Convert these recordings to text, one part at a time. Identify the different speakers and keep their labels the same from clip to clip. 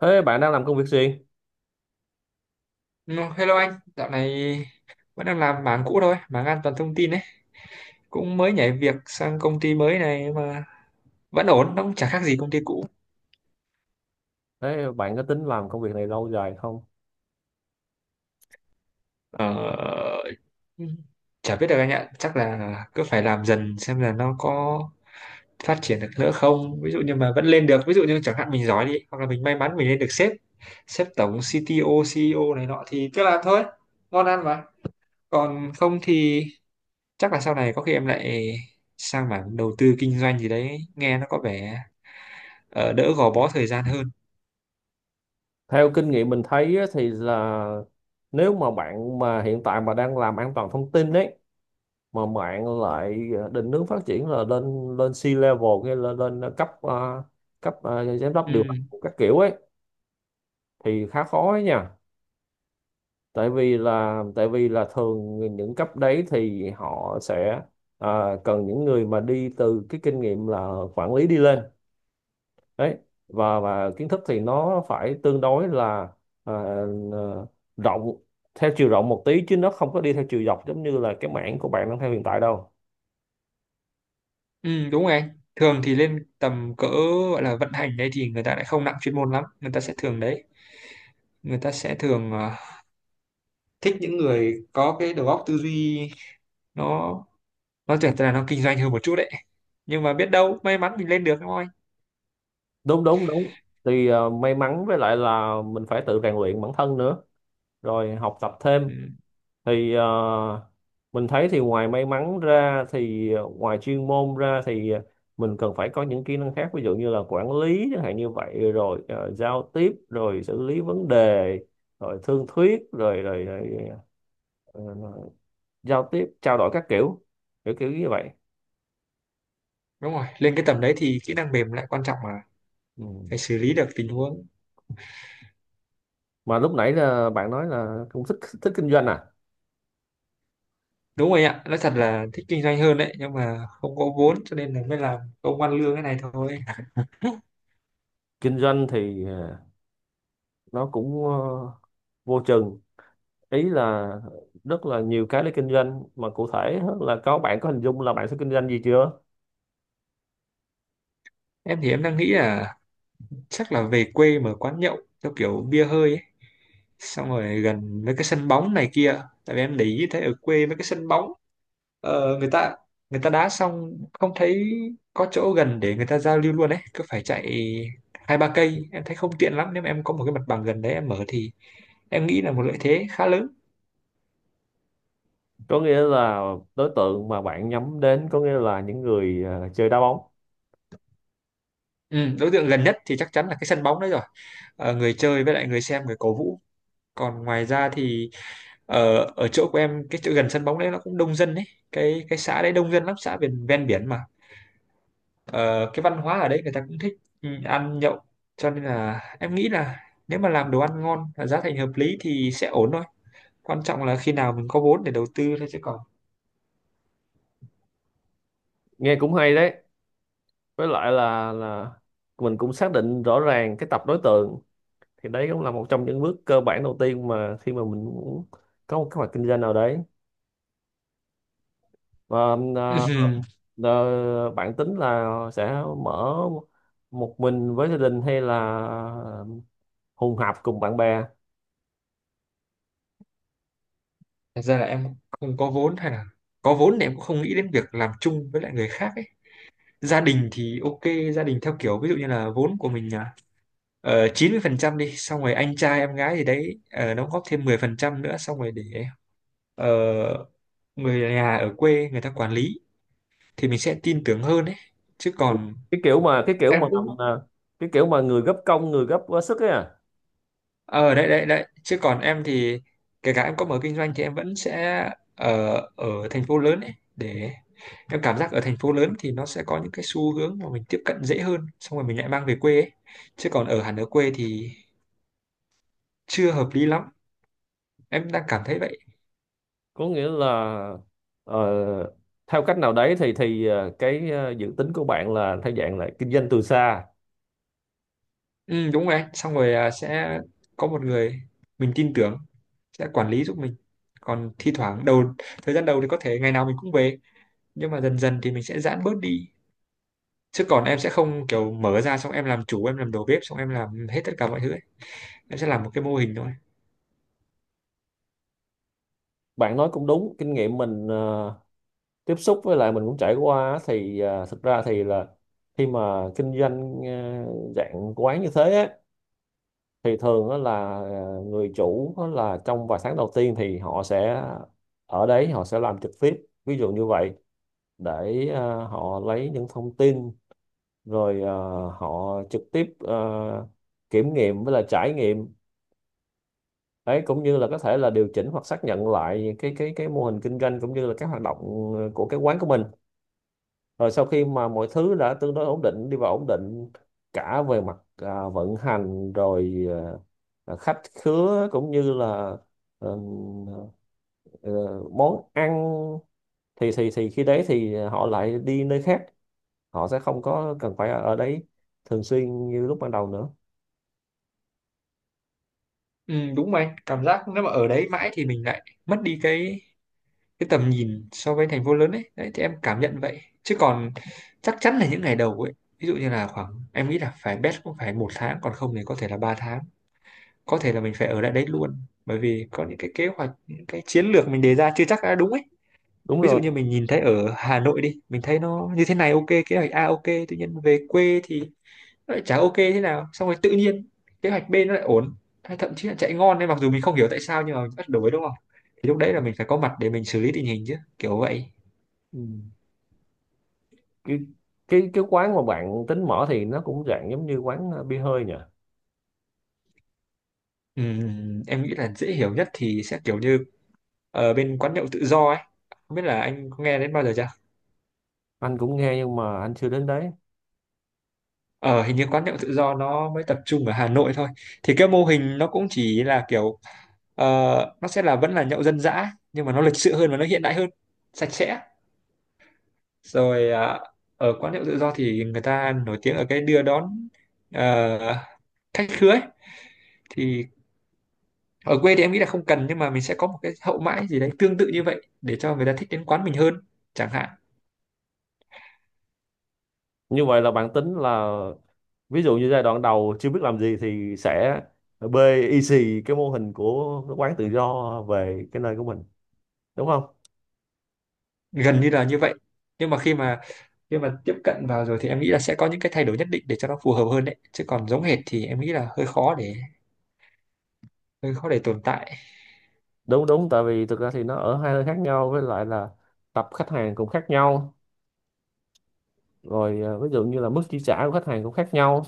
Speaker 1: Thế bạn đang làm công việc gì?
Speaker 2: No, hello anh, dạo này vẫn đang làm mảng cũ thôi, mảng an toàn thông tin ấy. Cũng mới nhảy việc sang công ty mới này mà vẫn ổn, nó cũng chả khác gì công ty cũ.
Speaker 1: Thế bạn có tính làm công việc này lâu dài không?
Speaker 2: Ờ, Chả biết được anh ạ, chắc là cứ phải làm dần xem là nó có phát triển được nữa không. Ví dụ như mà vẫn lên được, ví dụ như chẳng hạn mình giỏi đi, hoặc là mình may mắn mình lên được sếp, sếp tổng, CTO, CEO này nọ thì cứ làm thôi, ngon ăn mà. Còn không thì chắc là sau này có khi em lại sang mảng đầu tư kinh doanh gì đấy nghe nó có vẻ đỡ gò bó thời gian hơn.
Speaker 1: Theo kinh nghiệm mình thấy á, thì là nếu mà bạn mà hiện tại mà đang làm an toàn thông tin đấy, mà bạn lại định hướng phát triển là lên lên C-level hay là lên cấp cấp giám đốc điều
Speaker 2: Ừ.
Speaker 1: hành các kiểu ấy thì khá khó ấy nha. Tại vì là thường những cấp đấy thì họ sẽ cần những người mà đi từ cái kinh nghiệm là quản lý đi lên đấy, và kiến thức thì nó phải tương đối là à, ờ, rộng, theo chiều rộng một tí, chứ nó không có đi theo chiều dọc giống như là cái mảng của bạn đang theo hiện tại đâu.
Speaker 2: Ừ, đúng rồi anh, thường thì lên tầm cỡ gọi là vận hành đấy thì người ta lại không nặng chuyên môn lắm, người ta sẽ thường đấy, người ta sẽ thường thích những người có cái đầu óc tư duy nó nó tưởng là nó kinh doanh hơn một chút đấy, nhưng mà biết đâu may mắn mình lên được đúng không anh.
Speaker 1: Đúng đúng đúng, thì may mắn, với lại là mình phải tự rèn luyện bản thân nữa, rồi học tập thêm,
Speaker 2: Ừ,
Speaker 1: thì mình thấy thì ngoài may mắn ra thì ngoài chuyên môn ra thì mình cần phải có những kỹ năng khác, ví dụ như là quản lý chẳng hạn, như vậy rồi giao tiếp rồi xử lý vấn đề rồi thương thuyết rồi rồi, rồi ờ, giao tiếp trao đổi các kiểu, kiểu như vậy.
Speaker 2: đúng rồi, lên cái tầm đấy thì kỹ năng mềm lại quan trọng mà,
Speaker 1: Ừ.
Speaker 2: phải xử lý được tình huống.
Speaker 1: Mà lúc nãy là bạn nói là cũng thích thích kinh doanh à?
Speaker 2: Đúng rồi ạ, nói thật là thích kinh doanh hơn đấy, nhưng mà không có vốn cho nên là mới làm công ăn lương cái này thôi.
Speaker 1: Kinh doanh thì nó cũng vô chừng, ý là rất là nhiều cái để kinh doanh, mà cụ thể á, là có bạn có hình dung là bạn sẽ kinh doanh gì chưa?
Speaker 2: Em thì em đang nghĩ là chắc là về quê mở quán nhậu theo kiểu bia hơi ấy. Xong rồi gần mấy cái sân bóng này kia, tại vì em để ý thấy ở quê mấy cái sân bóng, người ta, người ta đá xong không thấy có chỗ gần để người ta giao lưu luôn ấy, cứ phải chạy hai ba cây, em thấy không tiện lắm. Nếu mà em có một cái mặt bằng gần đấy em mở thì em nghĩ là một lợi thế khá lớn.
Speaker 1: Có nghĩa là đối tượng mà bạn nhắm đến có nghĩa là những người chơi đá bóng.
Speaker 2: Ừ, đối tượng gần nhất thì chắc chắn là cái sân bóng đấy rồi. Ờ, người chơi với lại người xem, người cổ vũ. Còn ngoài ra thì ở ở chỗ của em, cái chỗ gần sân bóng đấy nó cũng đông dân đấy, cái xã đấy đông dân lắm, xã ven ven biển mà. Ờ, cái văn hóa ở đấy người ta cũng thích, ừ, ăn nhậu, cho nên là em nghĩ là nếu mà làm đồ ăn ngon và giá thành hợp lý thì sẽ ổn thôi, quan trọng là khi nào mình có vốn để đầu tư thôi chứ còn.
Speaker 1: Nghe cũng hay đấy, với lại là mình cũng xác định rõ ràng cái tập đối tượng, thì đấy cũng là một trong những bước cơ bản đầu tiên mà khi mà mình muốn có một kế hoạch kinh doanh nào đấy, và à,
Speaker 2: Ừm,
Speaker 1: à, bạn tính là sẽ mở một mình với gia đình hay là hùng hạp cùng bạn bè?
Speaker 2: Thật ra là em không có vốn, hay là có vốn thì em cũng không nghĩ đến việc làm chung với lại người khác ấy. Gia đình thì ok, gia đình theo kiểu ví dụ như là vốn của mình 90% đi, xong rồi anh trai em gái gì đấy đóng góp thêm 10% nữa, xong rồi để ờ, người nhà ở quê người ta quản lý thì mình sẽ tin tưởng hơn đấy, chứ
Speaker 1: Ừ,
Speaker 2: còn
Speaker 1: cái kiểu mà cái kiểu
Speaker 2: em
Speaker 1: mà
Speaker 2: cũng.
Speaker 1: mà- cái kiểu mà người gấp công người gấp quá sức ấy à.
Speaker 2: Ờ đấy đấy đấy, chứ còn em thì kể cả em có mở kinh doanh thì em vẫn sẽ ở ở thành phố lớn ấy, để em cảm giác ở thành phố lớn thì nó sẽ có những cái xu hướng mà mình tiếp cận dễ hơn, xong rồi mình lại mang về quê ấy. Chứ còn ở hẳn ở quê thì chưa hợp lý lắm, em đang cảm thấy vậy.
Speaker 1: Có nghĩa là ờ, theo cách nào đấy thì cái dự tính của bạn là theo dạng là kinh doanh từ xa.
Speaker 2: Ừ, đúng rồi anh, xong rồi sẽ có một người mình tin tưởng sẽ quản lý giúp mình, còn thi thoảng đầu, thời gian đầu thì có thể ngày nào mình cũng về, nhưng mà dần dần thì mình sẽ giãn bớt đi. Chứ còn em sẽ không kiểu mở ra xong em làm chủ, em làm đầu bếp, xong em làm hết tất cả mọi thứ ấy. Em sẽ làm một cái mô hình thôi.
Speaker 1: Bạn nói cũng đúng, kinh nghiệm mình tiếp xúc với lại mình cũng trải qua á, thì thực ra thì là khi mà kinh doanh dạng quán như thế á, thì thường á là người chủ á là trong vài tháng đầu tiên thì họ sẽ ở đấy, họ sẽ làm trực tiếp, ví dụ như vậy, để họ lấy những thông tin, rồi họ trực tiếp kiểm nghiệm với là trải nghiệm đấy, cũng như là có thể là điều chỉnh hoặc xác nhận lại cái mô hình kinh doanh cũng như là các hoạt động của cái quán của mình, rồi sau khi mà mọi thứ đã tương đối ổn định, đi vào ổn định cả về mặt vận hành rồi khách khứa cũng như là ờ, ờ, món ăn, thì khi đấy thì họ lại đi nơi khác, họ sẽ không có cần phải ở ở đấy thường xuyên như lúc ban đầu nữa.
Speaker 2: Ừ, đúng rồi anh, cảm giác nếu mà ở đấy mãi thì mình lại mất đi cái tầm nhìn so với thành phố lớn ấy, đấy thì em cảm nhận vậy, chứ còn chắc chắn là những ngày đầu ấy, ví dụ như là khoảng em nghĩ là phải best cũng phải một tháng, còn không thì có thể là ba tháng, có thể là mình phải ở lại đấy luôn, bởi vì có những cái kế hoạch, những cái chiến lược mình đề ra chưa chắc đã đúng ấy.
Speaker 1: Đúng
Speaker 2: Ví dụ
Speaker 1: rồi.
Speaker 2: như mình nhìn thấy ở Hà Nội đi, mình thấy nó như thế này, ok kế hoạch A ok, tự nhiên về quê thì nó lại chả ok thế nào, xong rồi tự nhiên kế hoạch B nó lại ổn, hay thậm chí là chạy ngon nên mặc dù mình không hiểu tại sao nhưng mà mình bắt đổi đúng không, thì lúc đấy là mình phải có mặt để mình xử lý tình hình chứ kiểu vậy.
Speaker 1: Ừ. cái cái quán mà bạn tính mở thì nó cũng dạng giống như quán bia hơi nhỉ?
Speaker 2: Em nghĩ là dễ hiểu nhất thì sẽ kiểu như ở bên quán nhậu tự do ấy, không biết là anh có nghe đến bao giờ chưa.
Speaker 1: Anh cũng nghe nhưng mà anh chưa đến đấy.
Speaker 2: Ờ hình như quán nhậu tự do nó mới tập trung ở Hà Nội thôi, thì cái mô hình nó cũng chỉ là kiểu, ờ, nó sẽ là vẫn là nhậu dân dã nhưng mà nó lịch sự hơn và nó hiện đại hơn, sạch sẽ, rồi ở quán nhậu tự do thì người ta nổi tiếng ở cái đưa đón ờ, khách khứa ấy. Thì ở quê thì em nghĩ là không cần, nhưng mà mình sẽ có một cái hậu mãi gì đấy tương tự như vậy để cho người ta thích đến quán mình hơn chẳng hạn.
Speaker 1: Như vậy là bạn tính là ví dụ như giai đoạn đầu chưa biết làm gì thì sẽ bê y xì cái mô hình của cái quán tự do về cái nơi của mình, đúng không?
Speaker 2: Gần như là như vậy, nhưng mà khi mà tiếp cận vào rồi thì em nghĩ là sẽ có những cái thay đổi nhất định để cho nó phù hợp hơn đấy, chứ còn giống hệt thì em nghĩ là hơi khó để tồn tại.
Speaker 1: Đúng đúng, tại vì thực ra thì nó ở hai nơi khác nhau, với lại là tập khách hàng cũng khác nhau, rồi ví dụ như là mức chi trả của khách hàng cũng khác nhau,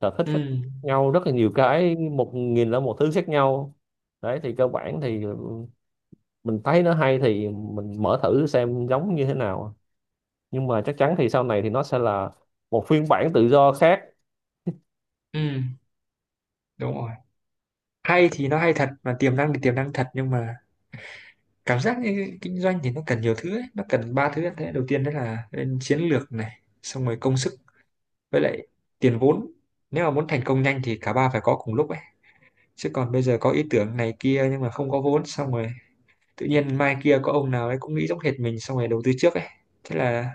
Speaker 1: sở thích
Speaker 2: Ừ,
Speaker 1: khác nhau rất là nhiều cái, 1.000 là một thứ khác nhau. Đấy thì cơ bản thì mình thấy nó hay thì mình mở thử xem giống như thế nào, nhưng mà chắc chắn thì sau này thì nó sẽ là một phiên bản tự do khác.
Speaker 2: ừ đúng rồi, hay thì nó hay thật, mà tiềm năng thì tiềm năng thật, nhưng mà cảm giác như kinh doanh thì nó cần nhiều thứ ấy. Nó cần ba thứ, thế đầu tiên đó là lên chiến lược này, xong rồi công sức, với lại tiền vốn, nếu mà muốn thành công nhanh thì cả ba phải có cùng lúc ấy. Chứ còn bây giờ có ý tưởng này kia nhưng mà không có vốn, xong rồi tự nhiên mai kia có ông nào ấy cũng nghĩ giống hệt mình xong rồi đầu tư trước ấy, thế là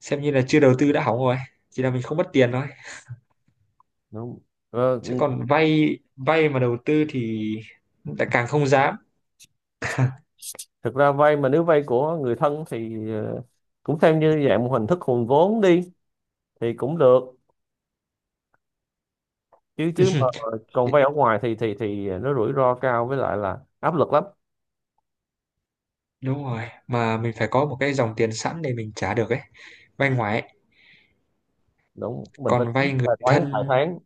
Speaker 2: xem như là chưa đầu tư đã hỏng rồi, chỉ là mình không mất tiền thôi.
Speaker 1: Đúng. ờ,
Speaker 2: Chứ
Speaker 1: ừ,
Speaker 2: còn vay vay mà đầu tư thì lại càng không dám.
Speaker 1: Thực ra vay mà, nếu vay của người thân thì cũng xem như dạng một hình thức hùn vốn đi, thì cũng được, chứ chứ mà còn vay
Speaker 2: Thì-
Speaker 1: ở ngoài thì nó rủi ro cao, với lại là áp lực lắm.
Speaker 2: đúng rồi, mà mình phải có một cái dòng tiền sẵn để mình trả được ấy, vay ngoài ấy.
Speaker 1: Đúng, mình phải
Speaker 2: Còn
Speaker 1: tính
Speaker 2: vay người
Speaker 1: bài toán vài
Speaker 2: thân,
Speaker 1: tháng.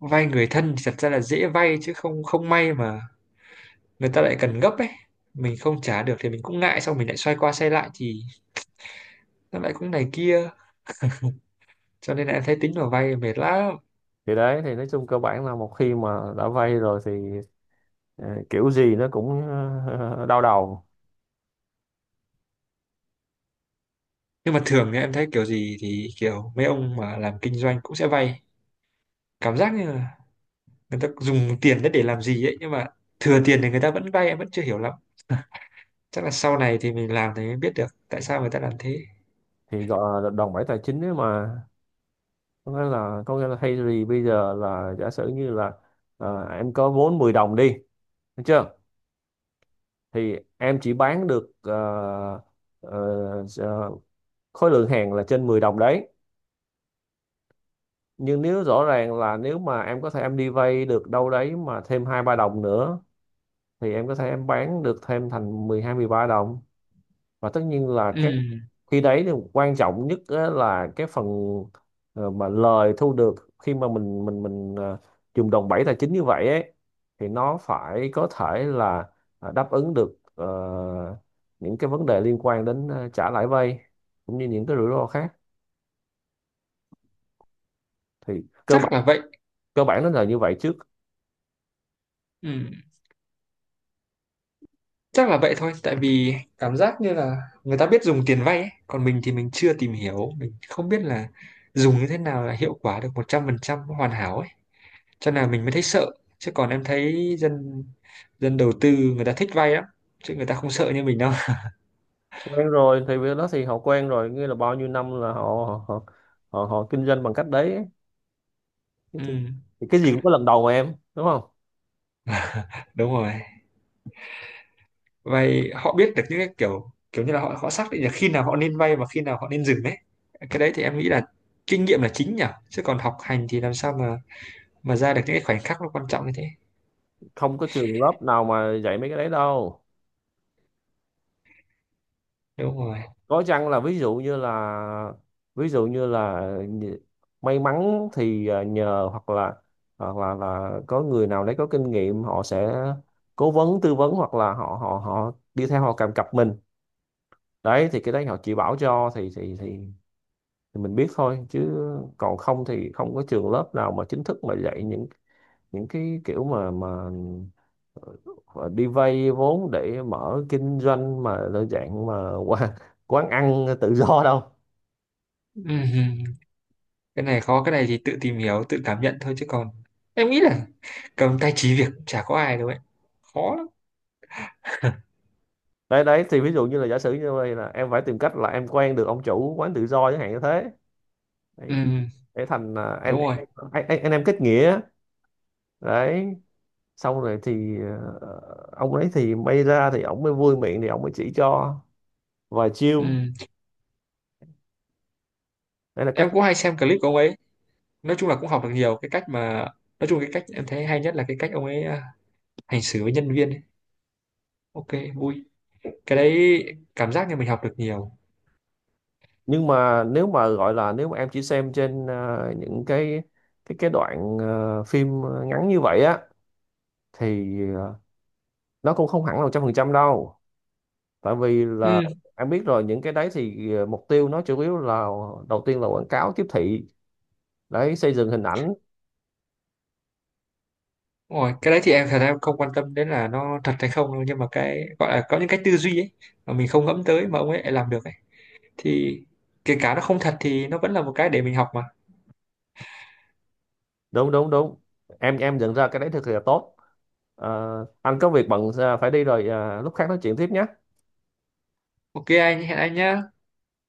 Speaker 2: vay người thân thì thật ra là dễ vay, chứ không không may mà người ta lại cần gấp ấy, mình không trả được thì mình cũng ngại, xong mình lại xoay qua xoay lại thì nó lại cũng này kia, cho nên là em thấy tính vào vay mệt lắm.
Speaker 1: Thì đấy thì nói chung cơ bản là một khi mà đã vay rồi thì ờ, kiểu gì nó cũng đau đầu.
Speaker 2: Nhưng mà thường thì em thấy kiểu gì thì kiểu mấy ông mà làm kinh doanh cũng sẽ vay, cảm giác như là người ta dùng tiền đấy để làm gì ấy, nhưng mà thừa tiền thì người ta vẫn vay, em vẫn chưa hiểu lắm, chắc là sau này thì mình làm thì mới biết được tại sao người ta làm thế.
Speaker 1: Thì gọi là đòn bẩy tài chính ấy mà, có nghĩa là thay vì bây giờ là giả sử như là em có vốn 10 đồng đi, được chưa? Thì em chỉ bán được ờ, ờ, khối lượng hàng là trên 10 đồng đấy, nhưng nếu rõ ràng là nếu mà em có thể em đi vay được đâu đấy mà thêm 2 3 đồng nữa, thì em có thể em bán được thêm thành 12 13 đồng. Và tất nhiên là
Speaker 2: Ừ
Speaker 1: cái khi đấy thì quan trọng nhất á là cái phần mà lời thu được khi mà mình dùng đòn bẩy tài chính như vậy ấy, thì nó phải có thể là đáp ứng được những cái vấn đề liên quan đến trả lãi vay, cũng như những cái rủi ro khác. Thì cơ
Speaker 2: chắc
Speaker 1: bản,
Speaker 2: là vậy.
Speaker 1: cơ bản nó là như vậy trước.
Speaker 2: Ừ, chắc là vậy thôi, tại vì cảm giác như là người ta biết dùng tiền vay ấy, còn mình thì mình chưa tìm hiểu, mình không biết là dùng như thế nào là hiệu quả được 100% hoàn hảo ấy, cho nên là mình mới thấy sợ. Chứ còn em thấy dân dân đầu tư người ta thích vay lắm, chứ người ta không sợ như mình đâu.
Speaker 1: Quen rồi thì việc đó thì họ quen rồi, nghĩa là bao nhiêu năm là họ kinh doanh bằng cách đấy ấy. Thế
Speaker 2: Ừ,
Speaker 1: thì cái gì cũng có lần đầu mà em, đúng không?
Speaker 2: đúng rồi. Vay họ biết được những cái kiểu kiểu như là họ họ xác định là khi nào họ nên vay và khi nào họ nên dừng đấy. Cái đấy thì em nghĩ là kinh nghiệm là chính nhỉ, chứ còn học hành thì làm sao mà ra được những cái khoảnh khắc nó quan trọng như thế.
Speaker 1: Không có trường lớp nào mà dạy mấy cái đấy đâu.
Speaker 2: Đúng rồi.
Speaker 1: Có chăng là ví dụ như là ví dụ như là nh- may mắn thì nhờ, hoặc là có người nào đấy có kinh nghiệm họ sẽ cố vấn tư vấn, hoặc là họ họ họ đi theo họ kèm cặp mình, đấy thì cái đấy họ chỉ bảo cho thì thì mình biết thôi, chứ còn không thì không có trường lớp nào mà chính thức mà dạy những cái kiểu mà đi vay vốn để mở kinh doanh mà đơn dạng mà quán, quán ăn tự do đâu.
Speaker 2: Ừm, Cái này khó, cái này thì tự tìm hiểu, tự cảm nhận thôi, chứ còn em nghĩ là cầm tay chỉ việc cũng chả có ai đâu ấy. Khó lắm.
Speaker 1: Đấy đấy, thì ví dụ như là giả sử như vậy là em phải tìm cách là em quen được ông chủ quán tự do chẳng hạn như thế, đấy,
Speaker 2: Ừm,
Speaker 1: để thành anh
Speaker 2: đúng rồi.
Speaker 1: anh anh, anh, anh em kết nghĩa, đấy, xong rồi thì ờ, ông ấy thì may ra thì ông mới vui miệng thì ông mới chỉ cho vài chiêu.
Speaker 2: Ừm,
Speaker 1: Đấy là cách.
Speaker 2: Em cũng hay xem clip của ông ấy. Nói chung là cũng học được nhiều cái cách mà, nói chung cái cách em thấy hay nhất là cái cách ông ấy hành xử với nhân viên ấy. Ok, vui. Cái đấy cảm giác như mình học được nhiều.
Speaker 1: Nhưng mà nếu mà gọi là nếu mà em chỉ xem trên những cái đoạn phim ngắn như vậy á, thì nó cũng không hẳn là 100% đâu, tại vì là
Speaker 2: Ừm,
Speaker 1: em biết rồi, những cái đấy thì mục tiêu nó chủ yếu là đầu tiên là quảng cáo tiếp thị, đấy, xây dựng hình ảnh.
Speaker 2: đúng rồi, cái đấy thì em thật ra em không quan tâm đến là nó thật hay không đâu, nhưng mà cái gọi là có những cái tư duy ấy mà mình không ngẫm tới mà ông ấy lại làm được ấy, thì kể cả nó không thật thì nó vẫn là một cái để mình học mà.
Speaker 1: Đúng đúng đúng, em nhận ra cái đấy thực sự là tốt. Ờ, anh có việc bận phải đi rồi, lúc khác nói chuyện tiếp nhé.
Speaker 2: Ok anh, hẹn anh nhá.